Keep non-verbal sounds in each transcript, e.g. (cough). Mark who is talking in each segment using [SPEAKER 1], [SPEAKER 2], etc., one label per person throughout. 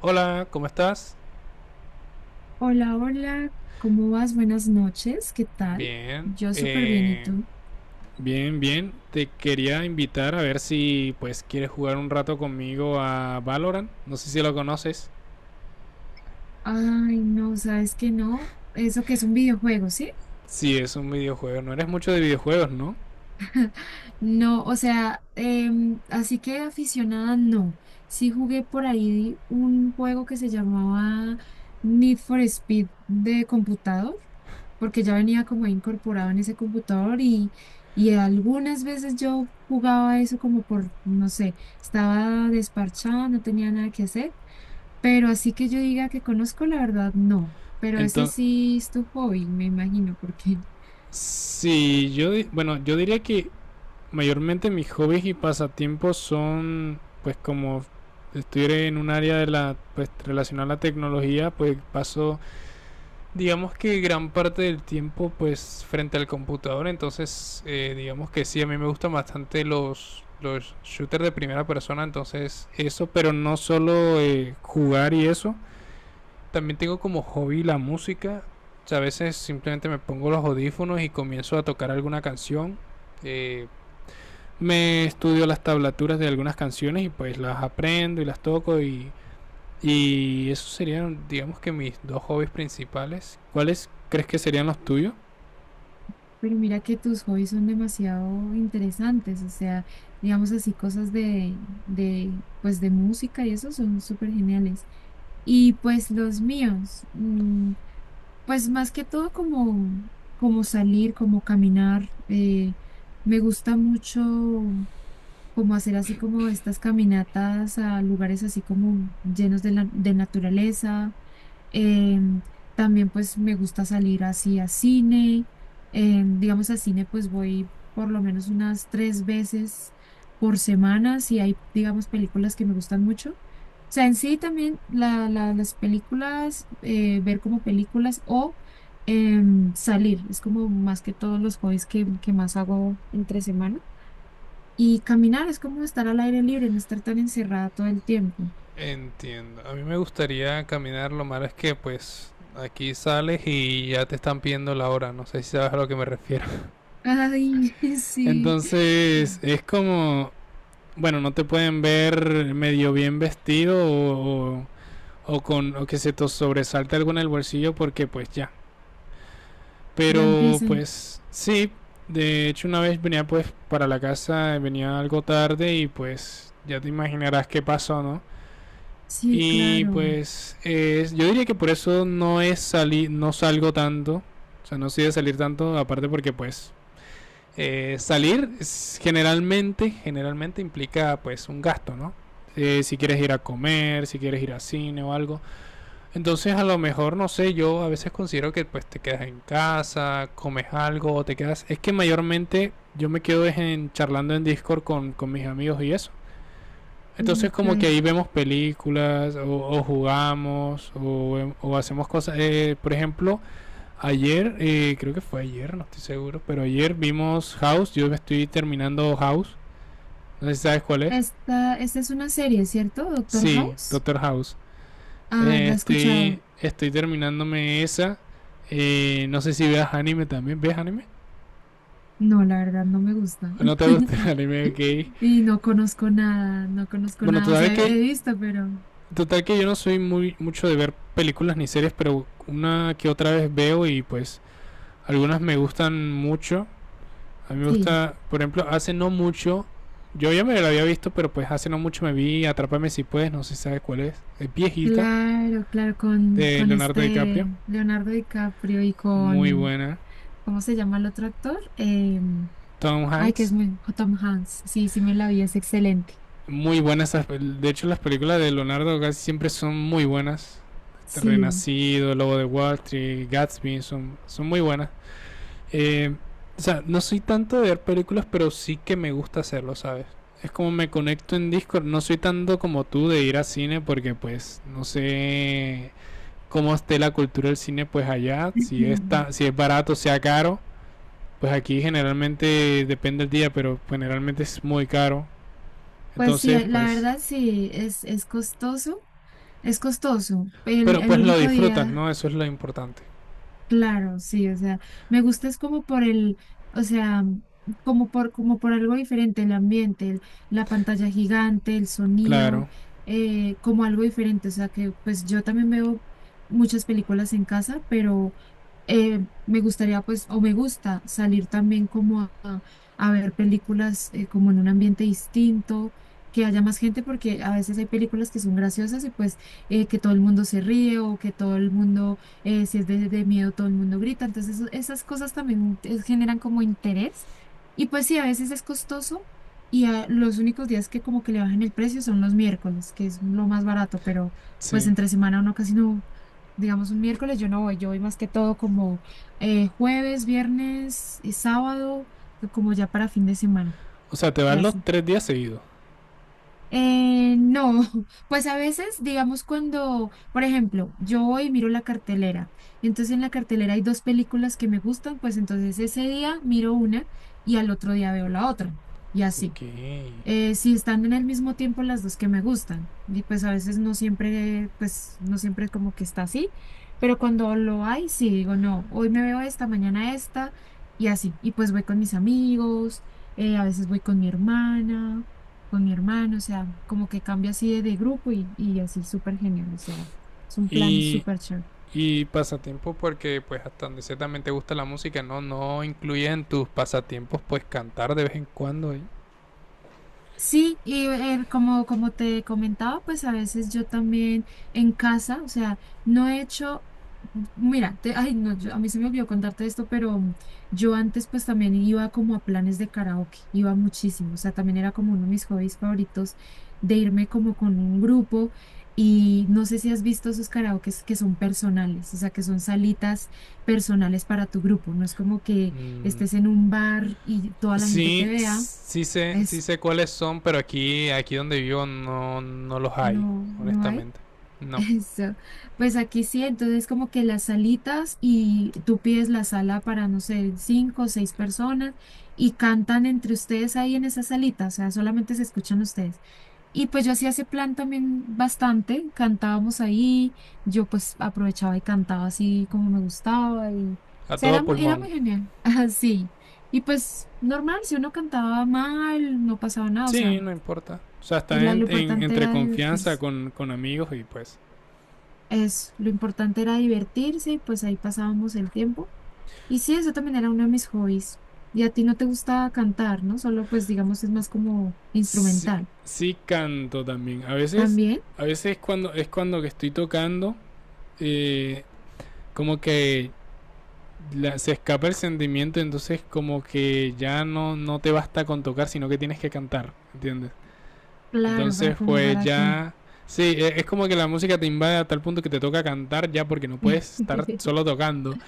[SPEAKER 1] Hola, ¿cómo estás?
[SPEAKER 2] Hola, hola, ¿cómo vas? Buenas noches, ¿qué tal?
[SPEAKER 1] Bien,
[SPEAKER 2] Yo súper bien, ¿y tú?
[SPEAKER 1] bien, bien. Te quería invitar a ver si pues quieres jugar un rato conmigo a Valorant. No sé si lo conoces.
[SPEAKER 2] Ay, no, sabes que no, eso que es un videojuego, ¿sí?
[SPEAKER 1] Si es un videojuego, no eres mucho de videojuegos, ¿no?
[SPEAKER 2] No, o sea, así que aficionada no. Sí jugué por ahí un juego que se llamaba Need for Speed de computador, porque ya venía como incorporado en ese computador y algunas veces yo jugaba eso como por, no sé, estaba desparchada, no tenía nada que hacer. Pero así que yo diga que conozco, la verdad, no. Pero ese
[SPEAKER 1] Entonces,
[SPEAKER 2] sí es tu hobby, me imagino, porque… (laughs)
[SPEAKER 1] si yo, di- bueno, yo diría que mayormente mis hobbies y pasatiempos son pues como estoy en un área de la pues relacionada a la tecnología, pues paso digamos que gran parte del tiempo pues frente al computador, entonces digamos que sí, a mí me gustan bastante los shooters de primera persona, entonces eso, pero no solo jugar y eso, también tengo como hobby la música. O sea, a veces simplemente me pongo los audífonos y comienzo a tocar alguna canción, eh, me estudio las tablaturas de algunas canciones y pues las aprendo y las toco, y esos serían, digamos que mis dos hobbies principales. ¿Cuáles crees que serían los tuyos?
[SPEAKER 2] Pero mira que tus hobbies son demasiado interesantes, o sea, digamos así, cosas de pues de música y eso son súper geniales. Y pues los míos, pues más que todo como, como salir, como caminar, me gusta mucho como hacer así como estas caminatas a lugares así como llenos de, la, de naturaleza. Em, También pues me gusta salir así a cine. Em, digamos a cine pues voy por lo menos unas 3 veces por semana si hay digamos películas que me gustan mucho. O sea, en sí también las películas, ver como películas o salir, es como más que todos los hobbies que más hago entre semana. Y caminar es como estar al aire libre, no estar tan encerrada todo el tiempo.
[SPEAKER 1] Entiendo. A mí me gustaría caminar, lo malo es que pues aquí sales y ya te están pidiendo la hora, no sé si sabes a lo que me refiero.
[SPEAKER 2] Ay, (laughs)
[SPEAKER 1] (laughs)
[SPEAKER 2] sí,
[SPEAKER 1] Entonces es como, bueno, no te pueden ver medio bien vestido o, o con, o que se te sobresalte algo en el bolsillo porque pues ya.
[SPEAKER 2] ya
[SPEAKER 1] Pero
[SPEAKER 2] empiezan.
[SPEAKER 1] pues sí, de hecho una vez venía pues para la casa, venía algo tarde y pues ya te imaginarás qué pasó, ¿no?
[SPEAKER 2] Sí,
[SPEAKER 1] Y
[SPEAKER 2] claro.
[SPEAKER 1] pues yo diría que por eso no es salir, no salgo tanto, o sea, no soy de salir tanto, aparte porque pues salir generalmente implica pues un gasto, ¿no? Si quieres ir a comer, si quieres ir a cine o algo. Entonces a lo mejor, no sé, yo a veces considero que pues te quedas en casa, comes algo, o te quedas... Es que mayormente yo me quedo es en, charlando en Discord con mis amigos y eso.
[SPEAKER 2] Mm,
[SPEAKER 1] Entonces como que
[SPEAKER 2] ok.
[SPEAKER 1] ahí vemos películas o jugamos o hacemos cosas. Por ejemplo, ayer, creo que fue ayer, no estoy seguro, pero ayer vimos House. Yo me estoy terminando House. No sé si sabes cuál es.
[SPEAKER 2] Esta es una serie, ¿cierto? Doctor
[SPEAKER 1] Sí,
[SPEAKER 2] House.
[SPEAKER 1] Doctor House.
[SPEAKER 2] Ah, ¿la he escuchado?
[SPEAKER 1] Estoy terminándome esa. No sé si veas anime también. ¿Ves anime?
[SPEAKER 2] No, la verdad, no me gusta.
[SPEAKER 1] ¿No te gusta el (laughs)
[SPEAKER 2] (laughs)
[SPEAKER 1] anime? Ok.
[SPEAKER 2] Y no conozco nada, no conozco
[SPEAKER 1] Bueno,
[SPEAKER 2] nada. O
[SPEAKER 1] total
[SPEAKER 2] sea, he
[SPEAKER 1] que,
[SPEAKER 2] visto, pero
[SPEAKER 1] total que yo no soy muy mucho de ver películas ni series, pero una que otra vez veo y pues algunas me gustan mucho. A mí me
[SPEAKER 2] sí.
[SPEAKER 1] gusta, por ejemplo, hace no mucho, yo ya me la había visto, pero pues hace no mucho me vi Atrápame si puedes, no sé si sabes cuál es. Es viejita,
[SPEAKER 2] Claro, claro,
[SPEAKER 1] de
[SPEAKER 2] con
[SPEAKER 1] Leonardo DiCaprio.
[SPEAKER 2] este Leonardo DiCaprio y
[SPEAKER 1] Muy
[SPEAKER 2] con,
[SPEAKER 1] buena.
[SPEAKER 2] ¿cómo se llama el otro actor?
[SPEAKER 1] Tom
[SPEAKER 2] Ay, que
[SPEAKER 1] Hanks.
[SPEAKER 2] es muy, Tom Hanks. Sí, sí me la vi, es excelente.
[SPEAKER 1] Muy buenas. De hecho, las películas de Leonardo casi siempre son muy buenas. Este,
[SPEAKER 2] Sí.
[SPEAKER 1] Renacido, Lobo de Wall Street, Gatsby, son muy buenas. Eh, o sea, no soy tanto de ver películas, pero sí que me gusta hacerlo, ¿sabes? Es como me conecto en Discord. No soy tanto como tú de ir a cine porque, pues, no sé cómo esté la cultura del cine, pues allá. Si, está, si
[SPEAKER 2] (laughs)
[SPEAKER 1] es barato, sea caro. Pues aquí generalmente depende del día, pero generalmente es muy caro.
[SPEAKER 2] Pues sí,
[SPEAKER 1] Entonces,
[SPEAKER 2] la
[SPEAKER 1] pues,
[SPEAKER 2] verdad sí, es costoso. Es costoso.
[SPEAKER 1] pero
[SPEAKER 2] El
[SPEAKER 1] pues lo
[SPEAKER 2] único
[SPEAKER 1] disfrutas,
[SPEAKER 2] día…
[SPEAKER 1] ¿no? Eso es lo importante.
[SPEAKER 2] Claro, sí, o sea, me gusta es como por el, o sea, como por, como por algo diferente, el ambiente, la pantalla gigante, el sonido,
[SPEAKER 1] Claro,
[SPEAKER 2] como algo diferente, o sea, que pues yo también veo muchas películas en casa, pero me gustaría pues, o me gusta salir también como a ver películas como en un ambiente distinto, que haya más gente, porque a veces hay películas que son graciosas y pues que todo el mundo se ríe o que todo el mundo si es de miedo, todo el mundo grita. Entonces, esas cosas también generan como interés. Y pues sí, a veces es costoso y los únicos días que como que le bajan el precio son los miércoles, que es lo más barato, pero pues
[SPEAKER 1] sí.
[SPEAKER 2] entre semana uno casi no, digamos un miércoles yo no voy, yo voy más que todo como jueves, viernes y sábado, como ya para fin de semana
[SPEAKER 1] O sea, te
[SPEAKER 2] y
[SPEAKER 1] vas los
[SPEAKER 2] así.
[SPEAKER 1] tres días seguidos.
[SPEAKER 2] No, (laughs) pues a veces, digamos, cuando, por ejemplo, yo voy y miro la cartelera, entonces en la cartelera hay dos películas que me gustan, pues entonces ese día miro una y al otro día veo la otra, y así
[SPEAKER 1] Ok.
[SPEAKER 2] si están en el mismo tiempo las dos que me gustan. Y pues a veces no siempre, pues no siempre como que está así, pero cuando lo hay, sí digo, no, hoy me veo esta, mañana esta, y así. Y pues voy con mis amigos, a veces voy con mi hermana, con mi hermano, o sea, como que cambia así de grupo y así, súper genial, o sea, es un plan
[SPEAKER 1] Y,
[SPEAKER 2] súper chévere.
[SPEAKER 1] y pasatiempo porque pues hasta donde sé te gusta la música, ¿no? No incluyes en tus pasatiempos pues cantar de vez en cuando, ¿eh?
[SPEAKER 2] Sí, y como, como te comentaba, pues a veces yo también en casa, o sea, no he hecho, mira, ay, no, a mí se me olvidó contarte esto, pero yo antes pues también iba como a planes de karaoke, iba muchísimo, o sea, también era como uno de mis hobbies favoritos de irme como con un grupo y no sé si has visto esos karaokes que son personales, o sea, que son salitas personales para tu grupo, no es como que
[SPEAKER 1] Mm,
[SPEAKER 2] estés en un bar y toda la gente te
[SPEAKER 1] sí,
[SPEAKER 2] vea.
[SPEAKER 1] sí sé, sí
[SPEAKER 2] Eso.
[SPEAKER 1] sé cuáles son, pero aquí donde vivo no, no los hay,
[SPEAKER 2] No, no hay.
[SPEAKER 1] honestamente.
[SPEAKER 2] (laughs)
[SPEAKER 1] No.
[SPEAKER 2] Eso. Pues aquí sí, entonces como que las salitas y tú pides la sala para, no sé, 5 o 6 personas y cantan entre ustedes ahí en esa salita, o sea, solamente se escuchan ustedes. Y pues yo hacía ese plan también bastante, cantábamos ahí, yo pues aprovechaba y cantaba así como me gustaba y, o
[SPEAKER 1] A
[SPEAKER 2] sea,
[SPEAKER 1] todo
[SPEAKER 2] era, era
[SPEAKER 1] pulmón.
[SPEAKER 2] muy genial, (laughs) así. Y pues normal, si uno cantaba mal, no pasaba nada, o sea,
[SPEAKER 1] Sí, no importa. O sea, está
[SPEAKER 2] lo importante
[SPEAKER 1] entre
[SPEAKER 2] era
[SPEAKER 1] confianza
[SPEAKER 2] divertirse.
[SPEAKER 1] con amigos y pues
[SPEAKER 2] Es, lo importante era divertirse y pues ahí pasábamos el tiempo. Y sí, eso también era uno de mis hobbies. Y a ti no te gusta cantar, ¿no? Solo pues digamos es más como
[SPEAKER 1] sí,
[SPEAKER 2] instrumental.
[SPEAKER 1] sí canto también. A veces,
[SPEAKER 2] También,
[SPEAKER 1] a veces cuando es cuando que estoy tocando, eh, como que se escapa el sentimiento, entonces como que ya no, no te basta con tocar, sino que tienes que cantar, ¿entiendes?
[SPEAKER 2] claro, para
[SPEAKER 1] Entonces
[SPEAKER 2] como
[SPEAKER 1] pues
[SPEAKER 2] para que…
[SPEAKER 1] ya... Sí, es como que la música te invade a tal punto que te toca cantar ya porque no puedes estar
[SPEAKER 2] (laughs)
[SPEAKER 1] solo tocando,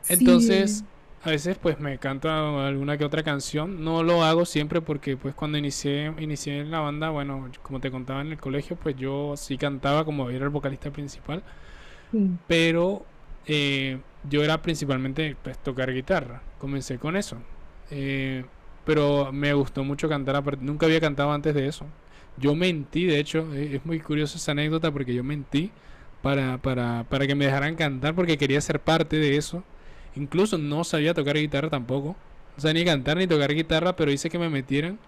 [SPEAKER 2] Sí,
[SPEAKER 1] entonces, a veces pues me canta alguna que otra canción. No lo hago siempre porque pues cuando inicié en la banda, bueno, como te contaba en el colegio, pues yo sí cantaba como era el vocalista principal.
[SPEAKER 2] sí.
[SPEAKER 1] Pero eh, yo era principalmente pues tocar guitarra. Comencé con eso. Eh, pero me gustó mucho cantar. Nunca había cantado antes de eso. Yo mentí, de hecho, es muy curiosa esa anécdota porque yo mentí para que me dejaran cantar porque quería ser parte de eso. Incluso no sabía tocar guitarra tampoco. O sea, ni cantar ni tocar guitarra, pero hice que me metieran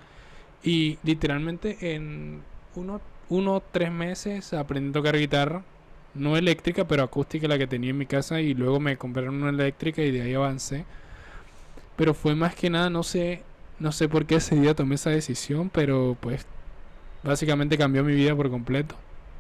[SPEAKER 1] y literalmente en uno, uno tres meses aprendí a tocar guitarra. No eléctrica, pero acústica la que tenía en mi casa. Y luego me compraron una eléctrica y de ahí avancé. Pero fue más que nada, no sé, no sé por qué ese día tomé esa decisión. Pero pues básicamente cambió mi vida por completo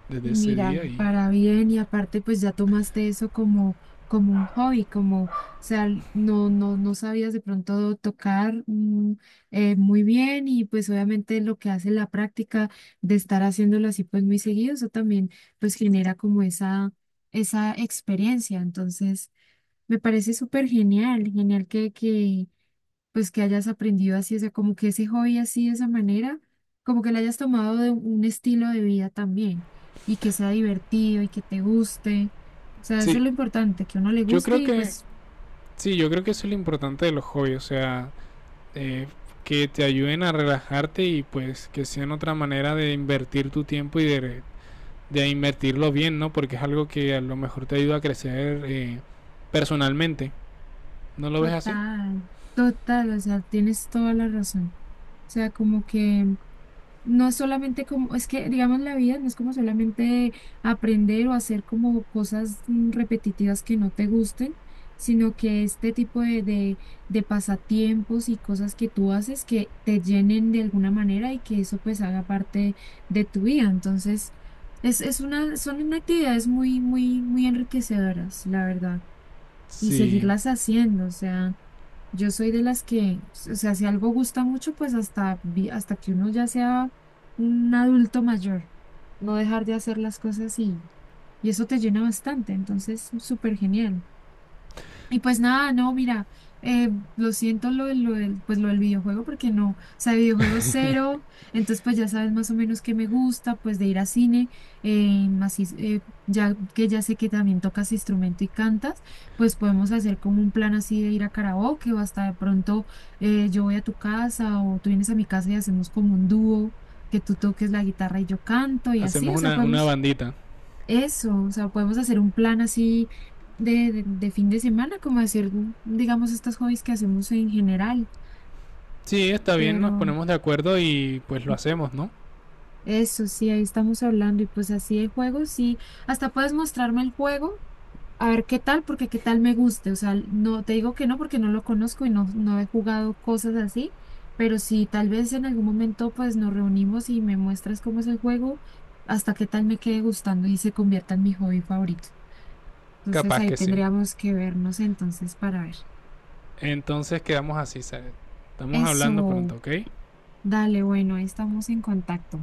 [SPEAKER 1] desde
[SPEAKER 2] Y
[SPEAKER 1] ese
[SPEAKER 2] mira,
[SPEAKER 1] día. Y
[SPEAKER 2] para bien, y aparte pues ya tomaste eso como, como un hobby, como, o sea, no, no, no sabías de pronto tocar muy bien y pues obviamente lo que hace la práctica de estar haciéndolo así pues muy seguido, eso también pues genera como esa experiencia. Entonces, me parece súper genial, genial pues que hayas aprendido así, o sea, como que ese hobby así de esa manera, como que le hayas tomado de un estilo de vida también y que sea divertido y que te guste. O sea, eso
[SPEAKER 1] sí,
[SPEAKER 2] es lo importante, que a uno le
[SPEAKER 1] yo
[SPEAKER 2] guste
[SPEAKER 1] creo
[SPEAKER 2] y
[SPEAKER 1] que,
[SPEAKER 2] pues
[SPEAKER 1] sí, yo creo que eso es lo importante de los hobbies. O sea, eh, que te ayuden a relajarte y pues que sean otra manera de invertir tu tiempo y de invertirlo bien, ¿no? Porque es algo que a lo mejor te ayuda a crecer personalmente. ¿No lo ves así?
[SPEAKER 2] total, total, o sea, tienes toda la razón. O sea, como que no es solamente como, es que digamos la vida no es como solamente aprender o hacer como cosas repetitivas que no te gusten, sino que este tipo de de pasatiempos y cosas que tú haces que te llenen de alguna manera y que eso pues haga parte de tu vida. Entonces, es una, son unas actividades muy, muy, muy enriquecedoras, la verdad, y
[SPEAKER 1] Sí,
[SPEAKER 2] seguirlas haciendo. O sea, yo soy de las que, o sea, si algo gusta mucho, pues hasta, hasta que uno ya sea un adulto mayor, no dejar de hacer las cosas y eso te llena bastante. Entonces, súper genial. Y pues nada, no, mira, eh, lo siento lo, lo del, pues lo del videojuego porque no, o sea, videojuego cero, entonces pues ya sabes más o menos qué me gusta, pues de ir a cine, ya que ya sé que también tocas instrumento y cantas, pues podemos hacer como un plan así de ir a karaoke o hasta de pronto yo voy a tu casa o tú vienes a mi casa y hacemos como un dúo, que tú toques la guitarra y yo canto y así,
[SPEAKER 1] hacemos
[SPEAKER 2] o sea,
[SPEAKER 1] una
[SPEAKER 2] podemos
[SPEAKER 1] bandita.
[SPEAKER 2] eso, o sea, podemos hacer un plan así de de fin de semana, como hacer, digamos, estos hobbies que hacemos en general,
[SPEAKER 1] Sí, está bien, nos
[SPEAKER 2] pero
[SPEAKER 1] ponemos de acuerdo y pues lo hacemos, ¿no?
[SPEAKER 2] eso sí, ahí estamos hablando y pues así de juegos, sí, hasta puedes mostrarme el juego, a ver qué tal, porque qué tal me guste, o sea, no te digo que no porque no lo conozco y no, no he jugado cosas así, pero si tal vez en algún momento pues nos reunimos y me muestras cómo es el juego, hasta qué tal me quede gustando y se convierta en mi hobby favorito. Entonces
[SPEAKER 1] Capaz
[SPEAKER 2] ahí
[SPEAKER 1] que sí.
[SPEAKER 2] tendríamos que vernos entonces para ver.
[SPEAKER 1] Entonces quedamos así, Zaret. Estamos hablando
[SPEAKER 2] Eso,
[SPEAKER 1] pronto, ¿ok?
[SPEAKER 2] dale, bueno, ahí estamos en contacto.